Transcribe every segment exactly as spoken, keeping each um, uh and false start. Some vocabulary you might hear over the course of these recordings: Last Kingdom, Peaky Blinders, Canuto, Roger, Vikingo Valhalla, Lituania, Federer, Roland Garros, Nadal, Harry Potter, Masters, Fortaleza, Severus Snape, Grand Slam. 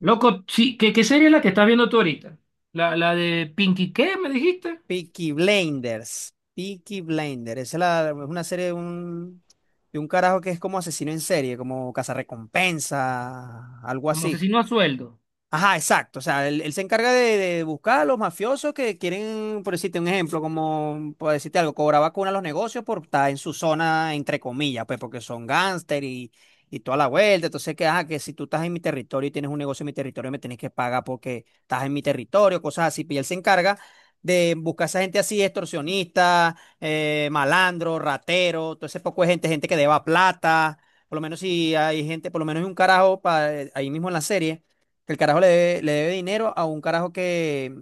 Loco, sí, ¿qué, qué serie es la que estás viendo tú ahorita? La, la de Pinky, ¿qué me dijiste? Peaky Blinders. Peaky Blinders. Esa es, la- es una serie de un, de un carajo que es como asesino en serie, como cazarrecompensa, algo Como así. asesino a sueldo. Ajá, exacto. O sea, él, él se encarga de, de buscar a los mafiosos que quieren, por decirte un ejemplo, como, por decirte algo, cobrar vacuna a los negocios por estar en su zona, entre comillas, pues porque son gángster y, y toda la vuelta. Entonces, que, ajá, que si tú estás en mi territorio y tienes un negocio en mi territorio, me tienes que pagar porque estás en mi territorio, cosas así. Pues, y él se encarga de buscar a esa gente así, extorsionista, eh, malandro, ratero, todo ese poco de gente, gente que deba plata. Por lo menos si hay gente, por lo menos hay un carajo pa- eh, ahí mismo en la serie que el carajo le debe, le debe dinero a un carajo que,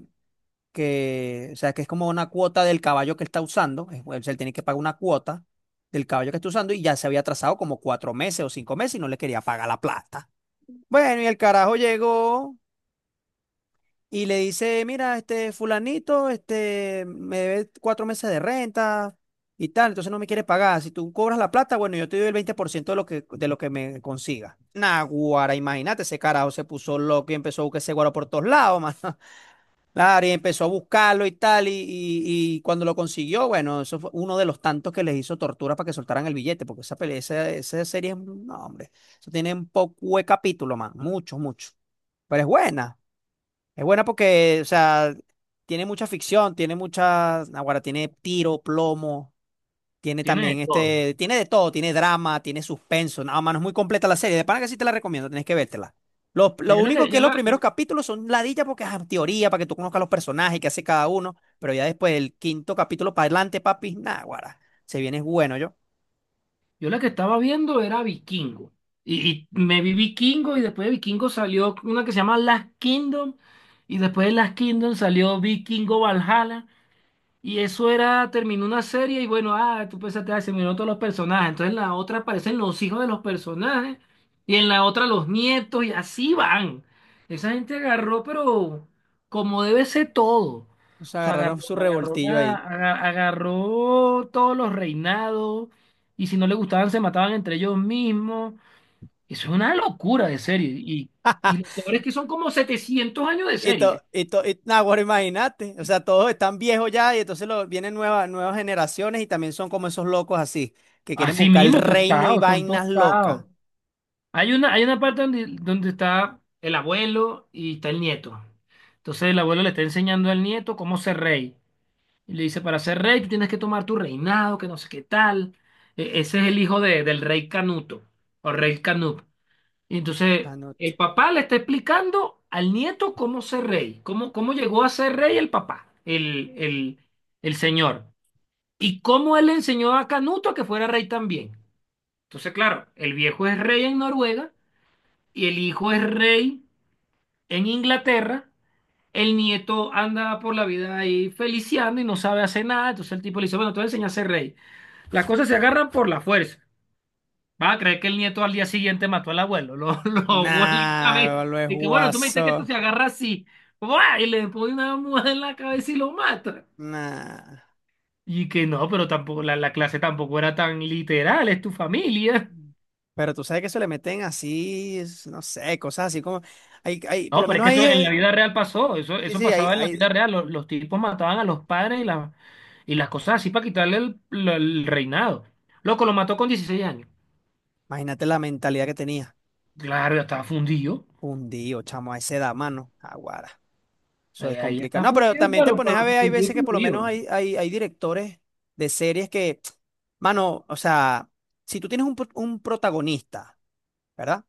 que, o sea, que es como una cuota del caballo que él está usando. es- O sea, él tiene que pagar una cuota del caballo que está usando y ya se había atrasado como cuatro meses o cinco meses y no le quería pagar la plata. Bueno, y el carajo llegó y le dice, mira, este fulanito, este, me debe cuatro meses de renta y tal, entonces no me quiere pagar. Si tú cobras la plata, bueno, yo te doy el veinte por ciento de lo que, de lo que me consiga. Naguara, imagínate, ese carajo se puso loco y empezó a buscar ese guaro por todos lados, mano. Claro, y empezó a buscarlo y tal, y, y- y cuando lo consiguió, bueno, eso fue uno de los tantos que les hizo tortura para que soltaran el billete, porque esa pelea, esa, esa serie, es un- no, hombre, eso tiene un poco de capítulo, man, mucho mucho. Pero es buena, es buena porque, o sea, tiene mucha ficción, tiene mucha, ahora tiene tiro, plomo, tiene Tiene de también todo. este, tiene de todo, tiene drama, tiene suspenso, nada más, no es muy completa la serie. De pana que sí te la recomiendo, tenés que vértela. Lo, Pero lo yo la único que, que yo es los la, yo, primeros capítulos son ladilla porque es teoría para que tú conozcas los personajes que hace cada uno, pero ya después del quinto capítulo para adelante, papi, nada, guara, se viene es bueno yo. yo la que estaba viendo era Vikingo. Y, y me vi Vikingo, y después de Vikingo salió una que se llama Last Kingdom. Y después de Last Kingdom salió Vikingo Valhalla. Y eso era, terminó una serie y bueno, ah, tú pensaste, ah, se miraron todos los personajes. Entonces en la otra aparecen los hijos de los personajes, y en la otra los nietos, y así van. Esa gente agarró, pero como debe ser todo. Se O sea, agarraron agarró, su agarró, revoltillo la- ahí. aga- agarró todos los reinados, y si no le gustaban se mataban entre ellos mismos. Eso es una locura de serie. Y, y lo peor es que son como setecientos años de Y to, serie. y to, y, nah, guara, imagínate, o sea, todos están viejos ya y entonces lo, vienen nuevas, nuevas generaciones y también son como esos locos así, que quieren Así buscar el mismo, reino y tostados, son vainas locas. tostados. Hay una, hay una parte donde, donde está el abuelo y está el nieto. Entonces el abuelo le está enseñando al nieto cómo ser rey. Y le dice, para ser rey tú tienes que tomar tu reinado, que no sé qué tal. E- ese es el hijo de- del rey Canuto o rey Canut. Y entonces Anoto. el papá le está explicando al nieto cómo ser rey, cómo, cómo llegó a ser rey el papá, el, el, el señor. Y cómo él le enseñó a Canuto a que fuera rey también. Entonces, claro, el viejo es rey en Noruega y el hijo es rey en Inglaterra, el nieto anda por la vida ahí feliciando y no sabe hacer nada, entonces el tipo le dice, bueno, te voy a enseñar a ser rey. Las cosas se agarran por la fuerza. Va a creer que el nieto al día siguiente mató al abuelo, lo, lo ahogó en la Nah, cabeza. lo es Y que bueno, tú me dijiste que esto guaso. se agarra así. ¡Buah! Y le pone una muda en la cabeza y lo mata. Nah. Y que no, pero tampoco la, la clase tampoco era tan literal, es tu familia. Pero tú sabes que se le meten así, es- no sé, cosas así como. Hay, hay, por No, lo pero es menos que ahí. eso en la eh, vida real pasó, eso, Sí, eso sí, ahí, pasaba en la ahí. vida real, los, los tipos mataban a los padres y, la- y las cosas así para quitarle el, lo- el reinado. Loco, lo mató con dieciséis años. Imagínate la mentalidad que tenía. Claro, ya estaba fundido, Hundido, chamo, a esa edad, mano. Aguara. Eso ahí es ahí ya complicado. está No, pero fundido, también te pero, pones a pero ver, hay fundido, veces que por lo menos fundido. hay, hay, hay directores de series que, mano, o sea, si tú tienes un, pro- un protagonista, ¿verdad?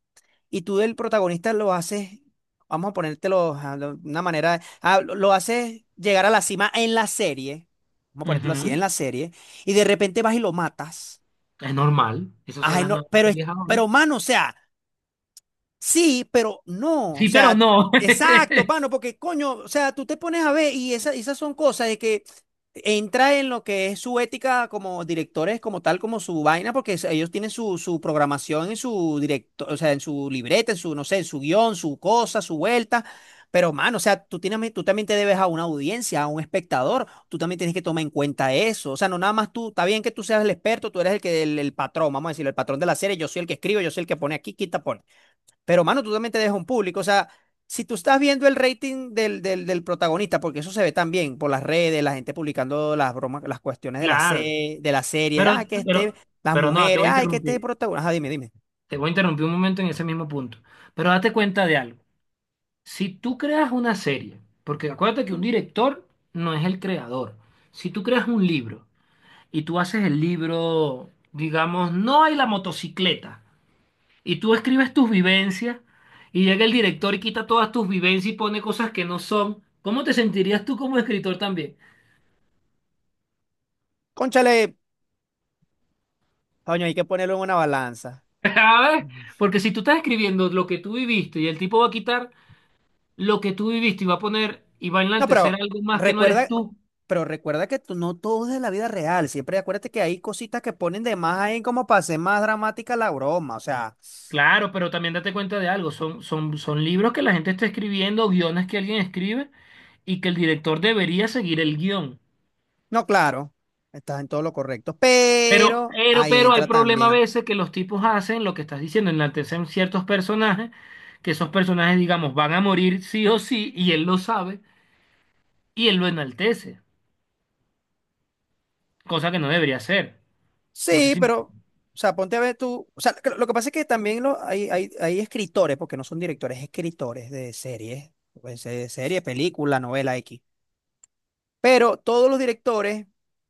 Y tú del protagonista lo haces, vamos a ponértelo a lo- una manera, ah, lo, lo haces llegar a la cima en la serie, vamos a ponértelo así, en Ujú. la serie, y de repente vas y lo matas. Es normal, esas son Ay, las no, nuevas pero, es- teorías ahora. pero, mano, o sea. Sí, pero no, o Sí, pero sea, no. exacto, mano, porque coño, o sea, tú te pones a ver y esa- esas son cosas de que entra en lo que es su ética como directores, como tal, como su vaina, porque es- ellos tienen su, su programación en su directo, o sea, en su libreta, en su, no sé, en su guión, su cosa, su vuelta. Pero, mano, o sea, tú tienes, tú también te debes a una audiencia, a un espectador, tú también tienes que tomar en cuenta eso. O sea, no nada más tú, está bien que tú seas el experto, tú eres el que, el, el patrón, vamos a decirlo, el patrón de la serie, yo soy el que escribo, yo soy el que pone aquí, quita, pone. Pero, mano, tú también te dejas un público. O sea, si tú estás viendo el rating del, del, del protagonista, porque eso se ve también por las redes, la gente publicando las bromas, las cuestiones de la, Claro, se- de las series pero, ah, que este, pero, las pero no, te mujeres, voy a ay, que este interrumpir, protagonista. Ajá, dime, dime. te voy a interrumpir un momento en ese mismo punto. Pero date cuenta de algo. Si tú creas una serie, porque acuérdate que un director no es el creador. Si tú creas un libro y tú haces el libro, digamos, no hay la motocicleta, y tú escribes tus vivencias, y llega el director y quita todas tus vivencias y pone cosas que no son, ¿cómo te sentirías tú como escritor también? Cónchale, coño, hay que ponerlo en una balanza. A ver, Ujú. porque si tú estás escribiendo lo que tú viviste y el tipo va a quitar lo que tú viviste y va a poner y va a No, enaltecer pero algo más que no eres recuerda, tú. pero recuerda que tú no todo es de la vida real. Siempre acuérdate que hay cositas que ponen de más ahí como para hacer más dramática la broma. O sea, Claro, pero también date cuenta de algo, son, son, son libros que la gente está escribiendo, guiones que alguien escribe y que el director debería seguir el guión. no, claro, estás en todo lo correcto. Pero, Pero pero, ahí pero hay entra problema a también. veces que los tipos hacen lo que estás diciendo, enaltecen ciertos personajes, que esos personajes, digamos, van a morir sí o sí, y él lo sabe, y él lo enaltece, cosa que no debería hacer. No sé Sí, si... pero, o sea, ponte a ver tú, o sea, lo lo que pasa es que también lo- hay, hay, hay escritores, porque no son directores, escritores de series, pues, de serie, película, novela X. Pero todos los directores,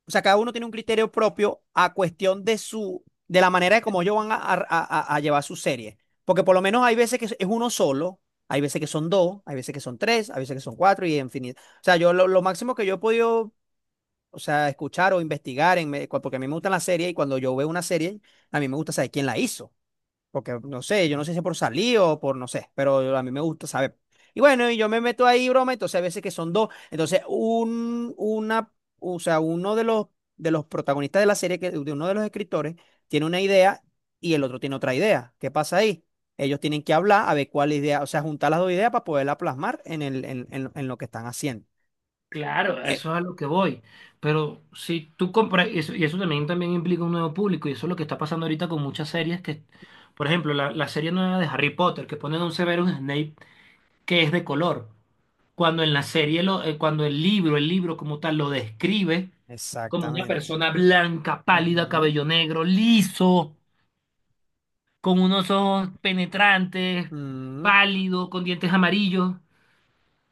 o sea, cada uno tiene un criterio propio a cuestión de su, de la manera de cómo ellos van a, a, a- a llevar su serie. Porque por lo menos hay veces que es es uno solo, hay veces que son dos, hay veces que son tres, hay veces que son cuatro y infinito. O sea, yo lo, lo, máximo que yo he podido o sea, escuchar o investigar, en, me- cua- porque a mí me gustan las series y cuando yo veo una serie, a mí me gusta saber quién la hizo, porque no sé, yo no sé si es por salir o por no sé, pero yo- a mí me gusta saber. Y bueno, y yo me meto ahí, broma, entonces a veces que son dos, entonces un, una, o sea, uno de los, de los, protagonistas de la serie, que, de uno de los escritores, tiene una idea y el otro tiene otra idea. ¿Qué pasa ahí? Ellos tienen que hablar a ver cuál idea, o sea, juntar las dos ideas para poderla plasmar en el, en, en- en lo que están haciendo. Claro, a Eh, eso es a lo que voy. Pero si tú compras, y eso, y eso también, también implica un nuevo público, y eso es lo que está pasando ahorita con muchas series que, por ejemplo, la, la serie nueva de Harry Potter, que ponen a un Severus Snape que es de color, cuando en la serie, lo, eh, cuando el libro, el libro como tal, lo describe como una Exactamente. persona blanca, pálida, Ujú. cabello negro, liso, con unos ojos penetrantes, Mm, pálido, con dientes amarillos.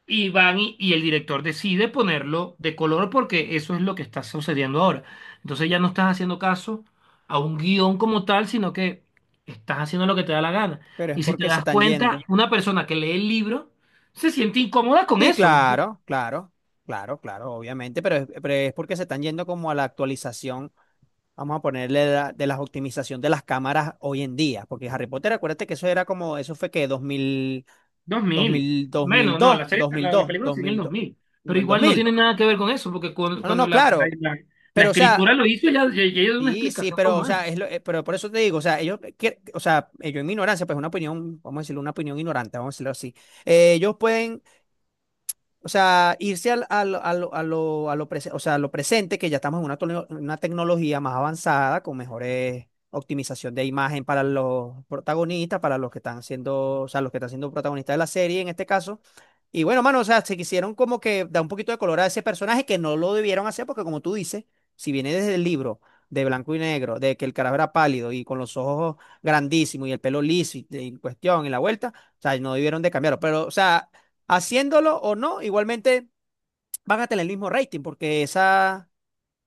Y van y, y el director decide ponerlo de color porque eso es lo que está sucediendo ahora. Entonces ya no estás haciendo caso a un guión como tal, sino que estás haciendo lo que te da la gana. pero es Y si te porque se das están cuenta, yendo. una persona que lee el libro se siente incómoda con Sí, eso, ¿no? claro, claro, claro, claro, obviamente, pero es, pero es porque se están yendo como a la actualización, vamos a ponerle la- de la optimización de las cámaras hoy en día, porque Harry Potter, acuérdate que eso era como, eso fue que dos dos dos dos mil mil dos mil bueno, no, dos, la serie, dos mil la, la dos película dos sigue en el mil dos dos mil en Pero el dos igual no mil tiene nada que ver con eso, porque cu- No, no, cuando, no, la, la, claro, la- la pero o escritura sea, lo hizo, ya, ya, ya dio una sí, sí, explicación pero o como es. sea, es lo- eh, pero por eso te digo, o sea, ellos, quier- o sea, ellos en mi ignorancia, pues una opinión, vamos a decirlo, una opinión ignorante, vamos a decirlo así. eh, ellos pueden, o sea, irse al, al- a lo, a lo- a lo prese- o sea, a lo presente, que ya estamos en una, tole- una tecnología más avanzada, con mejores optimización de imagen para los protagonistas, para los que están siendo, o sea, los que están siendo protagonistas de la serie en este caso. Y bueno, mano, o sea, se quisieron como que dar un poquito de color a ese personaje que no lo debieron hacer, porque como tú dices, si viene desde el libro de blanco y negro, de que el carajo era pálido y con los ojos grandísimos y el pelo liso y, y cuestión y la vuelta. O sea, no debieron de cambiarlo. Pero, o sea, haciéndolo o no, igualmente van a tener el mismo rating porque esa,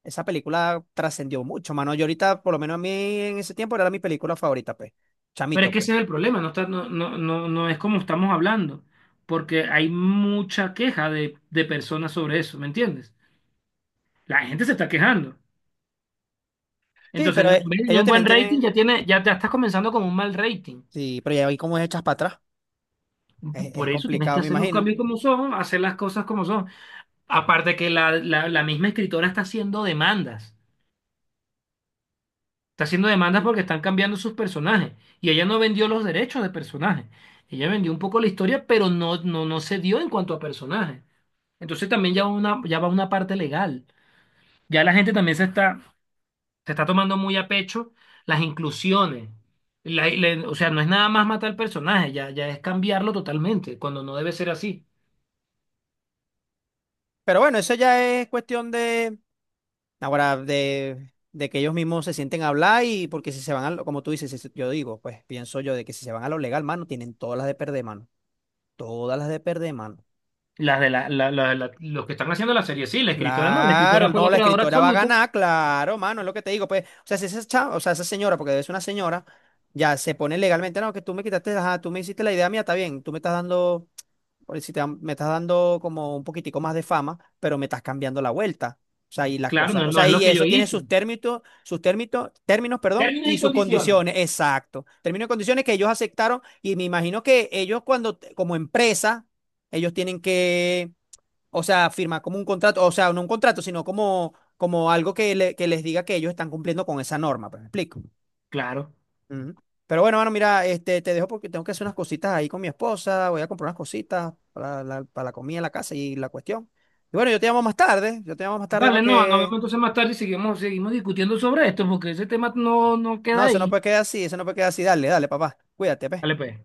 esa película trascendió mucho, mano. Yo ahorita, por lo menos a mí en ese tiempo, era mi película favorita, pues. Pero es Chamito, que pues. ese es el problema, no está, no, no, no, no es como estamos hablando, porque hay mucha queja de, de personas sobre eso, ¿me entiendes? La gente se está quejando. Sí, Entonces, pero no- en eh, vez de tener ellos un también buen rating, tienen. ya tiene, ya, ya estás comenzando con un mal rating. Sí, pero ya vi cómo es echas para atrás. P- Es, es Por eso tienes que complicado, me hacer los imagino. cambios como son, hacer las cosas como son. Aparte que la, la, la misma escritora está haciendo demandas. Está haciendo demandas porque están cambiando sus personajes. Y ella no vendió los derechos de personajes. Ella vendió un poco la historia, pero no, no, no se dio en cuanto a personajes. Entonces también ya, una, ya va una parte legal. Ya la gente también se está, se está tomando muy a pecho las inclusiones. La- la- o sea, no es nada más matar al personaje, ya, ya es cambiarlo totalmente, cuando no debe ser así. Pero bueno, eso ya es cuestión de. Ahora, de, de que ellos mismos se sienten a hablar y porque si se van a lo, como tú dices, si se- yo digo, pues pienso yo de que si se van a lo legal, mano, tienen todas las de perder, mano. Todas las de perder, mano. Las de la, la- la- la- los que están haciendo la serie, sí, la escritora no, la Claro, escritora fue no, la la creadora escritora va a absoluta. ganar, claro, mano, es lo que te digo, pues, o sea, si esa chava, o sea, esa señora, porque debe ser una señora, ya se pone legalmente, no, que tú me quitaste, ajá, tú me hiciste la idea mía, está bien, tú me estás dando, por si te, dan- me estás dando como un poquitico más de fama, pero me estás cambiando la vuelta, o sea, y las Claro, no, cosas, es- o no sea, es lo y que yo eso tiene sus hice. términos, sus términos, términos, perdón, Términos y y sus condiciones. condiciones, exacto, términos y condiciones que ellos aceptaron, y me imagino que ellos cuando, como empresa, ellos tienen que o sea, firmar como un contrato, o sea, no un contrato, sino como, como algo que, le- que les diga que ellos están cumpliendo con esa norma, pues, ¿me explico? Claro. Ujú. Pero bueno, mano, mira, este, te dejo porque tengo que hacer unas cositas ahí con mi esposa, voy a comprar unas cositas para la, para la comida, la casa y la cuestión. Y bueno, yo te llamo más tarde, yo te llamo más tarde para Vale, no, nos vemos que... entonces más tarde y seguimos, seguimos discutiendo sobre esto, porque ese tema no, no No, queda eso no ahí. puede quedar así, eso no puede quedar así, dale, dale, papá, cuídate, pues. Dale, pues.